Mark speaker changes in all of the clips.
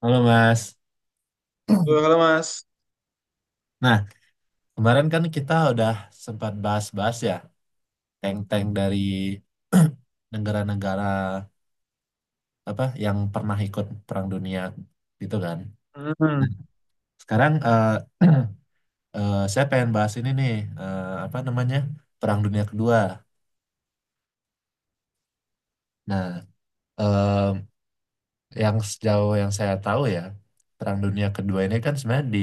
Speaker 1: Halo Mas.
Speaker 2: Halo, halo, Mas.
Speaker 1: Nah, kemarin kan kita udah sempat bahas-bahas ya tank-tank dari negara-negara apa yang pernah ikut Perang Dunia gitu kan. Nah,
Speaker 2: Hmm,
Speaker 1: sekarang saya pengen bahas ini nih, apa namanya, Perang Dunia Kedua. Nah, eh, yang sejauh yang saya tahu ya, Perang Dunia Kedua ini kan sebenarnya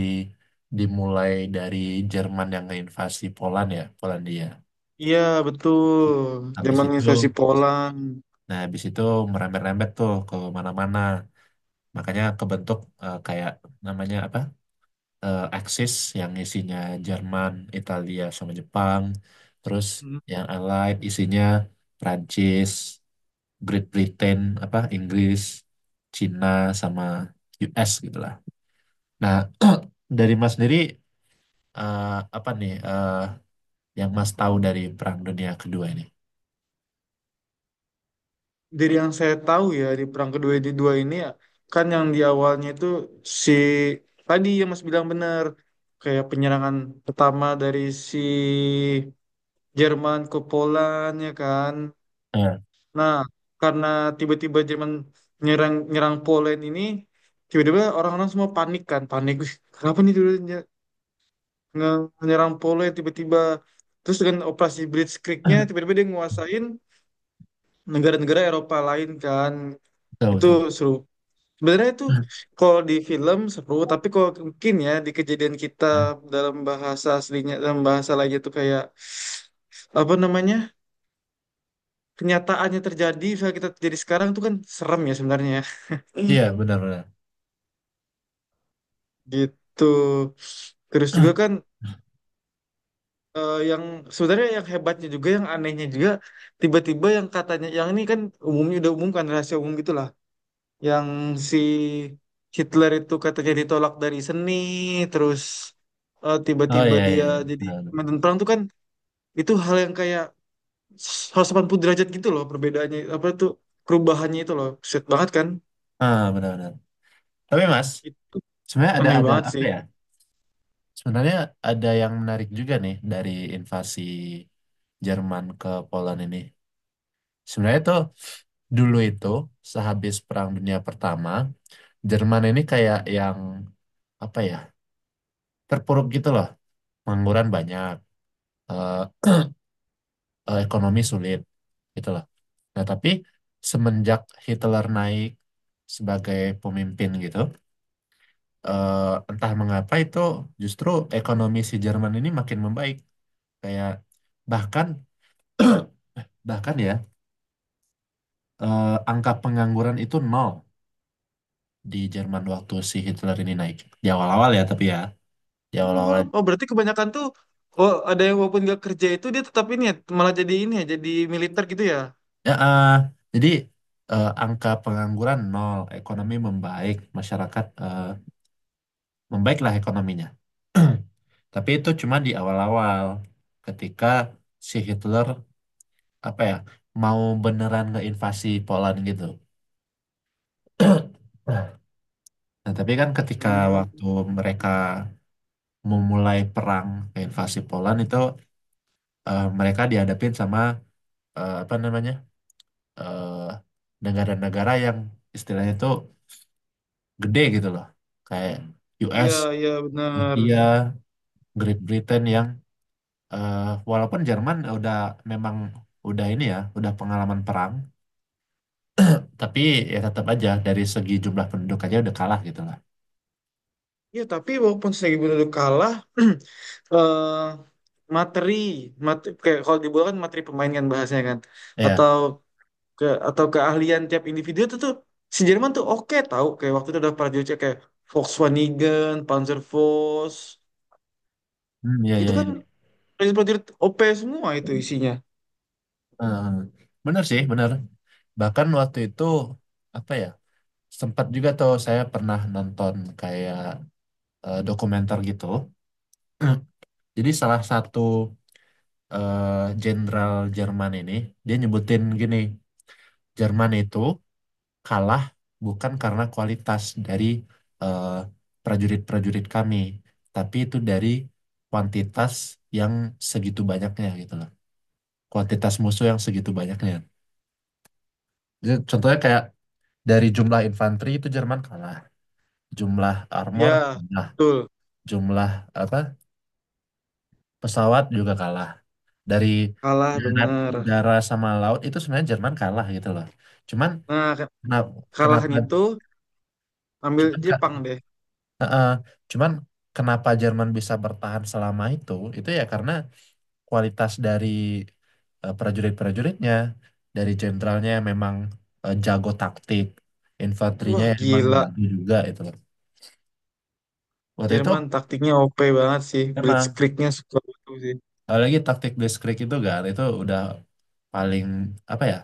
Speaker 1: dimulai dari Jerman yang invasi Poland ya, Polandia.
Speaker 2: iya betul.
Speaker 1: Habis
Speaker 2: Zaman
Speaker 1: itu,
Speaker 2: invasi Poland.
Speaker 1: nah, habis itu merembet-rembet tuh ke mana-mana. Makanya kebentuk kayak namanya apa? Axis yang isinya Jerman, Italia sama Jepang. Terus
Speaker 2: Hmm.
Speaker 1: yang Allied isinya Prancis, Great Britain, apa Inggris, Cina sama US gitu lah. Nah, dari Mas sendiri, eh, apa nih, yang Mas tahu dari Perang Dunia Kedua ini?
Speaker 2: Dari yang saya tahu ya, di perang kedua di dua ini ya kan, yang di awalnya itu si tadi yang Mas bilang benar, kayak penyerangan pertama dari si Jerman ke Poland ya kan.
Speaker 1: Eh,
Speaker 2: Nah, karena tiba-tiba Jerman nyerang nyerang Poland ini, tiba-tiba orang-orang semua panik kan, panik. Wih, kenapa nih tiba-tiba menyerang Poland tiba-tiba, terus dengan operasi Blitz nya tiba-tiba dia nguasain negara-negara Eropa lain kan.
Speaker 1: betul
Speaker 2: Itu
Speaker 1: betul.
Speaker 2: seru sebenarnya. Itu kalau di film seru, tapi kalau mungkin ya di kejadian kita, dalam bahasa aslinya dalam bahasa lagi itu kayak apa namanya, kenyataannya terjadi, misalnya kita terjadi sekarang itu kan serem ya sebenarnya ya.
Speaker 1: Iya, benar-benar.
Speaker 2: Gitu. Terus juga kan yang sebenarnya yang hebatnya juga, yang anehnya juga, tiba-tiba yang katanya yang ini kan umumnya udah umum kan, rahasia umum gitulah, yang si Hitler itu katanya ditolak dari seni, terus
Speaker 1: Oh
Speaker 2: tiba-tiba
Speaker 1: iya iya
Speaker 2: dia
Speaker 1: iya,
Speaker 2: jadi
Speaker 1: benar-benar.
Speaker 2: komandan perang tuh kan. Itu hal yang kayak 180 derajat gitu loh perbedaannya. Apa tuh perubahannya itu loh, set banget kan.
Speaker 1: Ah benar-benar. Tapi Mas,
Speaker 2: Itu
Speaker 1: sebenarnya ada
Speaker 2: aneh banget
Speaker 1: apa
Speaker 2: sih.
Speaker 1: ya? Sebenarnya ada yang menarik juga nih dari invasi Jerman ke Poland ini. Sebenarnya tuh dulu itu sehabis Perang Dunia Pertama, Jerman ini kayak yang apa ya? Terpuruk gitu loh. Pengangguran banyak, eh, ekonomi sulit gitu loh. Nah, tapi semenjak Hitler naik sebagai pemimpin gitu, entah mengapa itu justru ekonomi si Jerman ini makin membaik. Kayak bahkan, bahkan ya, angka pengangguran itu nol di Jerman waktu si Hitler ini naik. Di awal-awal ya tapi ya, di awal-awal
Speaker 2: Nol? Oh, berarti kebanyakan tuh. Oh, ada yang walaupun nggak kerja itu dia tetap ini ya, malah jadi ini ya, jadi militer gitu ya.
Speaker 1: ya, jadi angka pengangguran nol, ekonomi membaik, masyarakat, membaiklah ekonominya. Tapi itu cuma di awal-awal ketika si Hitler apa ya, mau beneran ngeinvasi Poland gitu. Nah, tapi kan ketika
Speaker 2: Hmm,
Speaker 1: waktu mereka memulai perang ke invasi Poland itu, mereka dihadapin sama, apa namanya, eh, negara-negara yang istilahnya itu gede gitu loh, kayak
Speaker 2: iya,
Speaker 1: US,
Speaker 2: iya benar.
Speaker 1: Rusia, Great Britain yang, eh, walaupun Jerman udah memang udah ini ya, udah pengalaman perang, tapi ya tetap aja dari segi jumlah penduduk aja udah kalah gitu lah.
Speaker 2: Ya, tapi walaupun Seribu Duduk kalah, eh, materi, materi kayak kalau di bola kan materi pemain kan bahasanya kan,
Speaker 1: Ya,
Speaker 2: atau ke atau keahlian tiap individu itu tuh si Jerman tuh oke tahu, kayak waktu itu ada prajurit kayak Volkswagen, Panzerfaust,
Speaker 1: hmm, ya,
Speaker 2: itu
Speaker 1: ya,
Speaker 2: kan
Speaker 1: ya.
Speaker 2: prajurit-prajurit OP semua itu isinya.
Speaker 1: Eh, bener sih, bener. Bahkan waktu itu apa ya? Sempat juga tuh saya pernah nonton kayak dokumenter gitu. Jadi salah satu eh, jenderal Jerman ini dia nyebutin gini, Jerman itu kalah bukan karena kualitas dari eh, prajurit-prajurit kami, tapi itu dari kuantitas yang segitu banyaknya gitu loh. Kuantitas musuh yang segitu banyaknya. Jadi contohnya kayak dari jumlah infanteri itu Jerman kalah, jumlah armor
Speaker 2: Ya,
Speaker 1: kalah,
Speaker 2: betul.
Speaker 1: jumlah apa, pesawat juga kalah, dari
Speaker 2: Kalah
Speaker 1: darat
Speaker 2: benar.
Speaker 1: udara sama laut itu sebenarnya Jerman kalah gitu loh, cuman
Speaker 2: Nah, ke-
Speaker 1: kenapa kenapa
Speaker 2: Kalahan itu ambil
Speaker 1: cuman
Speaker 2: Jepang deh.
Speaker 1: eh, eh, cuman kenapa Jerman bisa bertahan selama itu ya karena kualitas dari prajurit-prajuritnya, dari jenderalnya yang memang jago taktik, infanterinya
Speaker 2: Wah,
Speaker 1: yang memang
Speaker 2: gila.
Speaker 1: jago juga itu loh waktu itu.
Speaker 2: Jerman taktiknya OP banget sih.
Speaker 1: Emang
Speaker 2: Blitzkriegnya suka itu sih.
Speaker 1: apalagi taktik blitzkrieg itu kan itu udah paling apa ya,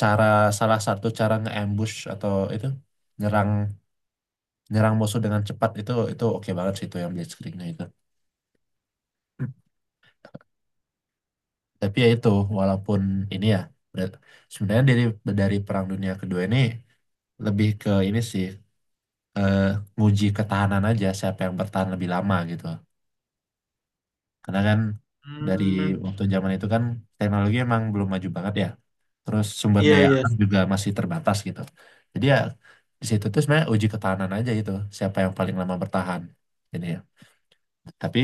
Speaker 1: cara, salah satu cara nge-ambush atau itu, nyerang nyerang musuh dengan cepat, itu oke banget sih itu yang blitzkriegnya itu. Tapi ya itu, walaupun ini ya, ber- sebenarnya dari, Perang Dunia Kedua ini lebih ke ini sih, eh, nguji ketahanan aja siapa yang bertahan lebih lama gitu. Karena kan dari
Speaker 2: Hmm,
Speaker 1: waktu zaman itu kan teknologi emang belum maju banget ya, terus sumber
Speaker 2: iya
Speaker 1: daya
Speaker 2: iya.
Speaker 1: alam juga masih terbatas gitu. Jadi ya di situ tuh sebenarnya uji ketahanan aja itu siapa yang paling lama bertahan ini ya. Tapi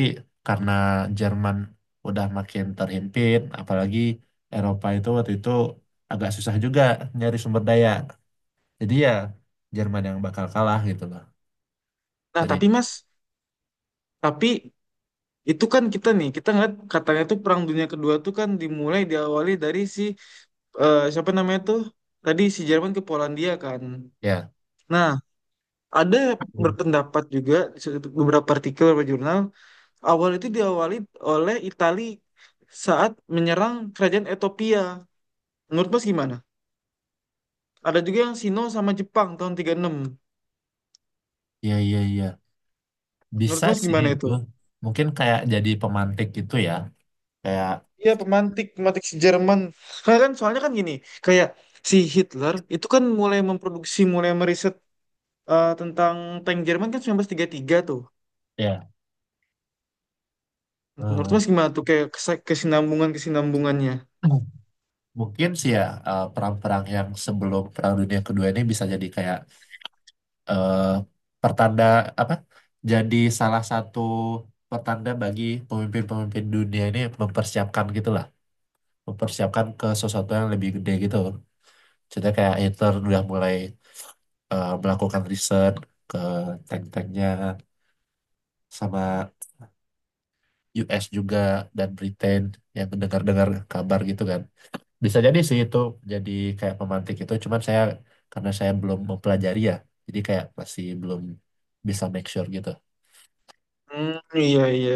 Speaker 1: karena Jerman udah makin terhimpit, apalagi Eropa itu waktu itu agak susah juga nyari sumber daya. Jadi ya Jerman yang bakal kalah gitu loh.
Speaker 2: Nah,
Speaker 1: Jadi
Speaker 2: tapi Mas, tapi itu kan kita nih, kita ngeliat katanya tuh Perang Dunia Kedua tuh kan dimulai, diawali dari si siapa namanya tuh, tadi si Jerman ke Polandia kan.
Speaker 1: ya,
Speaker 2: Nah, ada berpendapat juga, di beberapa artikel beberapa jurnal, awal itu diawali oleh Itali saat menyerang kerajaan Ethiopia. Menurut Mas gimana? Ada juga yang Sino sama Jepang tahun 36.
Speaker 1: ya, ya, ya.
Speaker 2: Menurut
Speaker 1: Bisa
Speaker 2: Mas
Speaker 1: sih
Speaker 2: gimana
Speaker 1: itu.
Speaker 2: itu?
Speaker 1: Mungkin kayak jadi pemantik gitu ya. Kayak
Speaker 2: Iya, pemantik, pemantik si Jerman. Karena kan soalnya kan gini, kayak si Hitler itu kan mulai memproduksi, mulai meriset tentang tank Jerman kan 1933 tuh.
Speaker 1: ya.
Speaker 2: Nah, menurut
Speaker 1: eh,
Speaker 2: Mas gimana tuh kayak kesinambungan kesinambungannya?
Speaker 1: Mungkin sih ya, perang-perang yang sebelum Perang Dunia Kedua ini bisa jadi kayak eh, pertanda apa? Jadi salah satu pertanda bagi pemimpin-pemimpin dunia ini mempersiapkan gitulah, mempersiapkan ke sesuatu yang lebih gede gitu. Jadi kayak Hitler udah mulai melakukan riset ke tank-tanknya sama US juga dan Britain yang mendengar-dengar kabar gitu kan. Bisa jadi sih itu, jadi kayak pemantik itu, cuman saya karena saya belum mempelajari ya, jadi kayak masih belum bisa make sure gitu.
Speaker 2: Hmm, iya iya.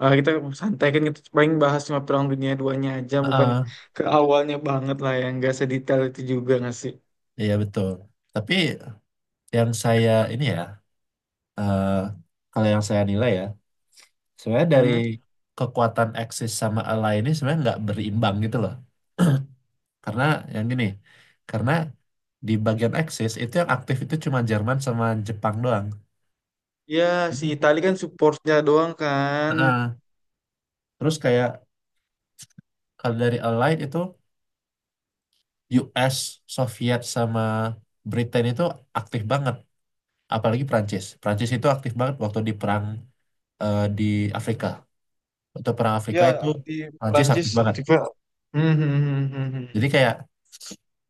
Speaker 2: Ah, kita santai kan, kita paling bahas cuma Perang Dunia duanya aja, bukan
Speaker 1: Heeh,
Speaker 2: ke awalnya banget lah, yang gak sedetail itu juga nggak sih?
Speaker 1: iya betul. Tapi yang saya ini ya, eh, kalau yang saya nilai ya, sebenarnya dari
Speaker 2: Hmm?
Speaker 1: kekuatan Axis sama Ally ini sebenarnya nggak berimbang gitu loh. Karena yang gini, karena di bagian Axis itu yang aktif itu cuma Jerman sama Jepang doang.
Speaker 2: Ya, si
Speaker 1: Hmm.
Speaker 2: Itali kan supportnya doang kan.
Speaker 1: Heeh. Terus kayak kalau dari Allied itu US, Soviet sama Britain itu aktif banget, apalagi Prancis. Prancis itu aktif banget waktu di perang di Afrika. Waktu perang Afrika
Speaker 2: Ya,
Speaker 1: itu
Speaker 2: di
Speaker 1: Prancis
Speaker 2: Prancis
Speaker 1: aktif banget.
Speaker 2: aktifnya. Hmm, hmm, hmm, hmm, hmm.
Speaker 1: Jadi kayak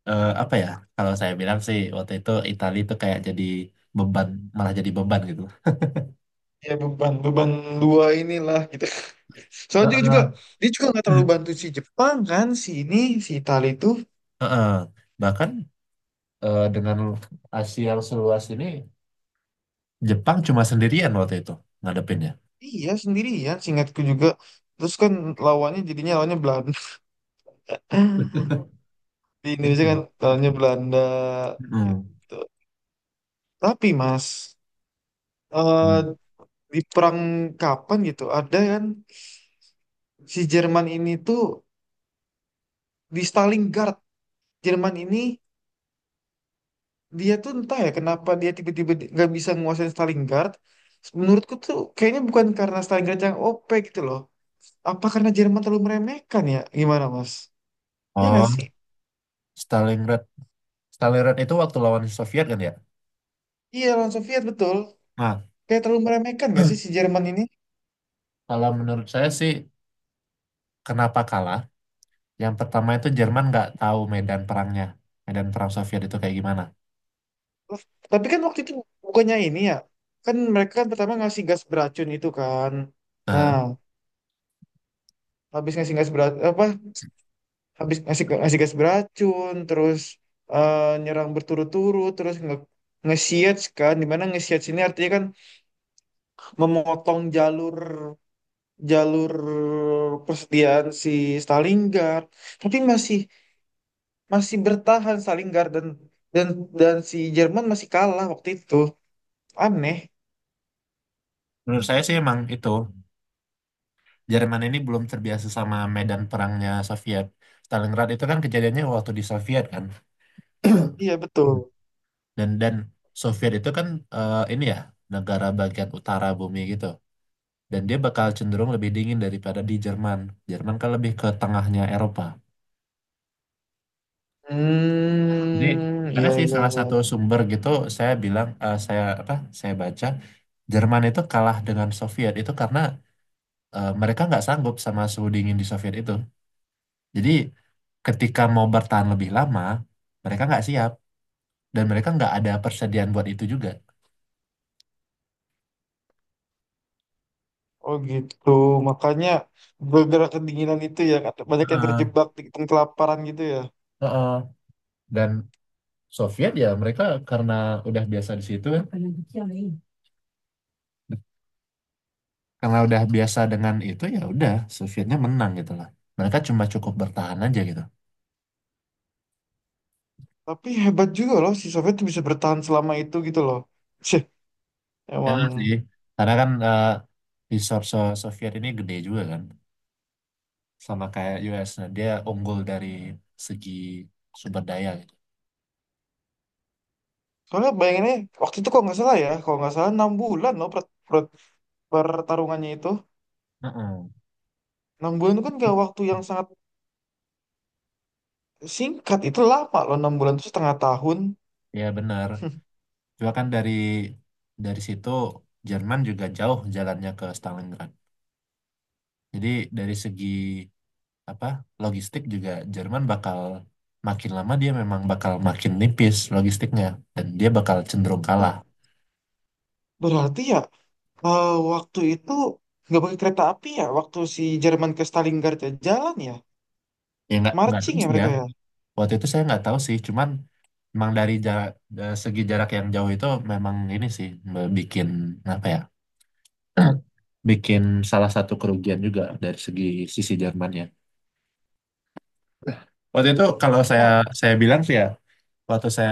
Speaker 1: apa ya? Kalau saya bilang sih waktu itu Italia itu kayak jadi beban, malah jadi beban gitu.
Speaker 2: Ya, beban, beban dua inilah gitu. Soalnya dia juga,
Speaker 1: Heeh.
Speaker 2: dia juga nggak terlalu bantu si Jepang kan, si ini si Itali itu.
Speaker 1: Heeh. Bahkan dengan Asia yang seluas ini Jepang cuma sendirian waktu itu ngadepinnya.
Speaker 2: Iya, sendirian singkatku juga. Terus kan lawannya jadinya lawannya Belanda. Di
Speaker 1: Eh,
Speaker 2: Indonesia kan lawannya Belanda
Speaker 1: hmm.
Speaker 2: gitu. Tapi Mas, eh,
Speaker 1: Hmm.
Speaker 2: di perang kapan gitu ada kan si Jerman ini tuh di Stalingrad. Jerman ini dia tuh entah ya kenapa dia tiba-tiba nggak bisa nguasain Starling Guard. Menurutku tuh kayaknya bukan karena Starling Guard yang OP gitu loh. Apa karena Jerman terlalu meremehkan ya? Gimana Mas? Iya nggak sih?
Speaker 1: Oh, Stalingrad Stalingrad itu waktu lawan Soviet kan ya.
Speaker 2: Iya, lawan Soviet betul.
Speaker 1: Nah,
Speaker 2: Kayak terlalu meremehkan nggak sih si Jerman ini?
Speaker 1: kalau menurut saya sih, kenapa kalah? Yang pertama itu Jerman nggak tahu medan perangnya, medan perang Soviet itu kayak gimana.
Speaker 2: Loh, tapi kan waktu itu bukannya ini ya. Kan mereka kan pertama ngasih gas beracun itu kan.
Speaker 1: Nah,
Speaker 2: Nah, habis ngasih gas beracun, apa habis ngasih ngasih gas beracun, terus nyerang berturut-turut terus nge nge-siege dimana nge-siege ini artinya kan memotong jalur, jalur persediaan si Stalingrad, tapi masih masih bertahan Stalingrad, dan dan si Jerman masih kalah waktu itu, aneh.
Speaker 1: menurut saya sih emang itu Jerman ini belum terbiasa sama medan perangnya Soviet. Stalingrad itu kan kejadiannya waktu di Soviet kan.
Speaker 2: Iya betul.
Speaker 1: Hmm. Dan Soviet itu kan, ini ya, negara bagian utara bumi gitu, dan dia bakal cenderung lebih dingin daripada di Jerman. Jerman kan lebih ke tengahnya Eropa. Jadi
Speaker 2: Hmm,
Speaker 1: ada
Speaker 2: iya
Speaker 1: sih
Speaker 2: iya
Speaker 1: salah
Speaker 2: iya.
Speaker 1: satu sumber gitu, saya bilang saya apa, saya baca Jerman itu kalah dengan Soviet itu karena mereka nggak sanggup sama suhu dingin di Soviet itu. Jadi ketika mau bertahan lebih lama mereka nggak siap dan mereka nggak ada persediaan buat itu juga.
Speaker 2: Oh gitu, makanya gara-gara kedinginan itu ya, kata- banyak yang
Speaker 1: Heeh,
Speaker 2: terjebak di kelaparan gitu ya.
Speaker 1: heeh. Dan Soviet ya mereka karena udah biasa di situ kan, karena udah biasa dengan itu ya udah, Sovietnya menang gitu lah. Mereka cuma cukup bertahan aja gitu.
Speaker 2: Tapi hebat juga loh si Soviet tuh bisa bertahan selama itu gitu loh. Sih,
Speaker 1: Ya
Speaker 2: emang.
Speaker 1: sih, karena kan di Soviet ini gede juga kan, sama kayak US. Nah, dia unggul dari segi sumber daya gitu.
Speaker 2: Soalnya bayanginnya waktu itu kalau nggak salah ya, kalau nggak salah 6 bulan loh, per, per- pertarungannya itu.
Speaker 1: Heeh.
Speaker 2: Enam bulan itu kan gak waktu yang sangat singkat, itu lama loh, 6 bulan itu setengah tahun.
Speaker 1: Ya benar. Juga kan dari situ Jerman juga jauh jalannya ke Stalingrad. Jadi dari segi apa, logistik juga Jerman bakal makin lama dia memang bakal makin nipis logistiknya dan dia bakal cenderung
Speaker 2: Oh,
Speaker 1: kalah.
Speaker 2: berarti ya waktu itu nggak pakai kereta api ya, waktu si Jerman ke Stalingrad ya, jalan ya,
Speaker 1: Ya nggak
Speaker 2: marching
Speaker 1: terus
Speaker 2: ya
Speaker 1: ya.
Speaker 2: mereka ya.
Speaker 1: Waktu itu saya nggak tahu sih cuman memang dari jarak, segi jarak yang jauh itu memang ini sih, bikin apa ya, bikin salah satu kerugian juga dari segi sisi Jermannya waktu itu, kalau saya
Speaker 2: Mar-
Speaker 1: saya bilang sih ya waktu saya,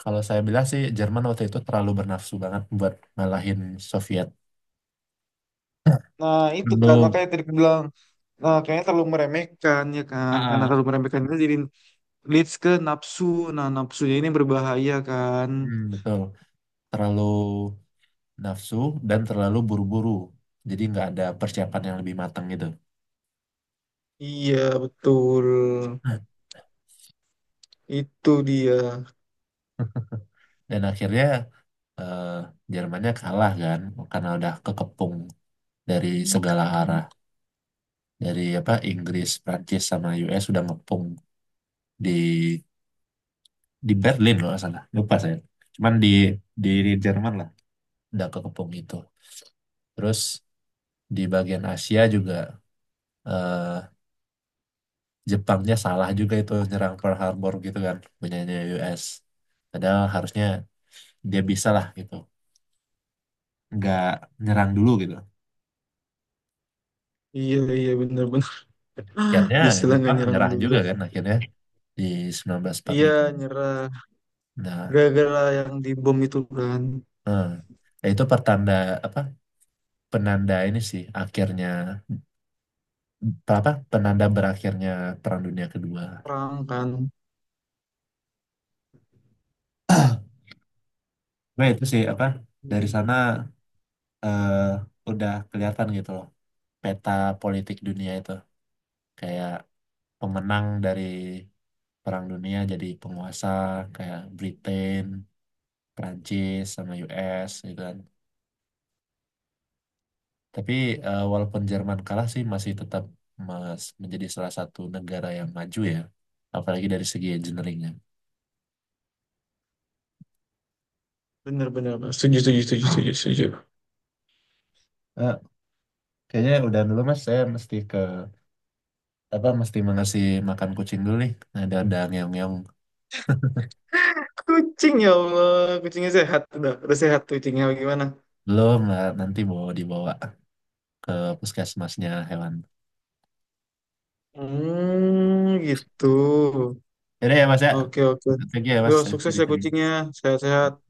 Speaker 1: kalau saya bilang sih Jerman waktu itu terlalu bernafsu banget buat ngalahin Soviet
Speaker 2: Nah itu kan,
Speaker 1: dulu.
Speaker 2: makanya tadi aku bilang. Nah, kayaknya terlalu meremehkan ya kan, karena
Speaker 1: Ah,
Speaker 2: terlalu meremehkan itu jadi leads ke nafsu. Nah, nafsunya ini berbahaya kan.
Speaker 1: hmm, betul. Terlalu nafsu dan terlalu buru-buru. Jadi nggak ada persiapan yang lebih matang gitu.
Speaker 2: Iya, betul. Itu dia.
Speaker 1: Dan akhirnya eh, Jermannya kalah kan karena udah kekepung dari segala arah, dari apa, Inggris, Prancis sama US udah ngepung di, di Berlin loh salah, lupa saya, cuman di, di Jerman lah udah kekepung itu. Terus di bagian Asia juga eh, Jepangnya salah juga itu nyerang Pearl Harbor gitu kan, punyanya US, padahal harusnya dia bisa lah gitu nggak nyerang dulu gitu.
Speaker 2: Iya, iya benar-benar.
Speaker 1: Akhirnya
Speaker 2: Bisa lah nggak
Speaker 1: Jepang
Speaker 2: nyerang
Speaker 1: menyerah
Speaker 2: dulu.
Speaker 1: juga kan akhirnya di
Speaker 2: Iya,
Speaker 1: 1945.
Speaker 2: nyerah.
Speaker 1: Nah,
Speaker 2: Gara-gara yang dibom itu kan.
Speaker 1: eh, nah, itu pertanda apa? Penanda ini sih akhirnya, apa? Penanda berakhirnya Perang Dunia Kedua.
Speaker 2: Perang kan.
Speaker 1: Nah, itu sih apa? Dari sana eh, udah kelihatan gitu loh peta politik dunia itu, kayak pemenang dari Perang Dunia jadi penguasa kayak Britain, Prancis sama US gitu kan. Tapi walaupun Jerman kalah sih masih tetap mas menjadi salah satu negara yang maju ya, apalagi dari segi engineeringnya.
Speaker 2: Bener-bener.
Speaker 1: Eh, kayaknya udah dulu mas, saya mesti ke apa, mesti mengasih makan kucing dulu nih. Ada ngeong-ngeong,
Speaker 2: Kucing, ya Allah. Kucingnya sehat. Udah sehat kucingnya. Gimana?
Speaker 1: belum lah, nanti bawa, dibawa ke puskesmasnya hewan.
Speaker 2: Hmm, gitu.
Speaker 1: Jadi ya mas ya,
Speaker 2: Oke, oke.
Speaker 1: thank you ya
Speaker 2: Yo,
Speaker 1: mas, saya
Speaker 2: sukses ya
Speaker 1: cari-cari.
Speaker 2: kucingnya. Sehat-sehat.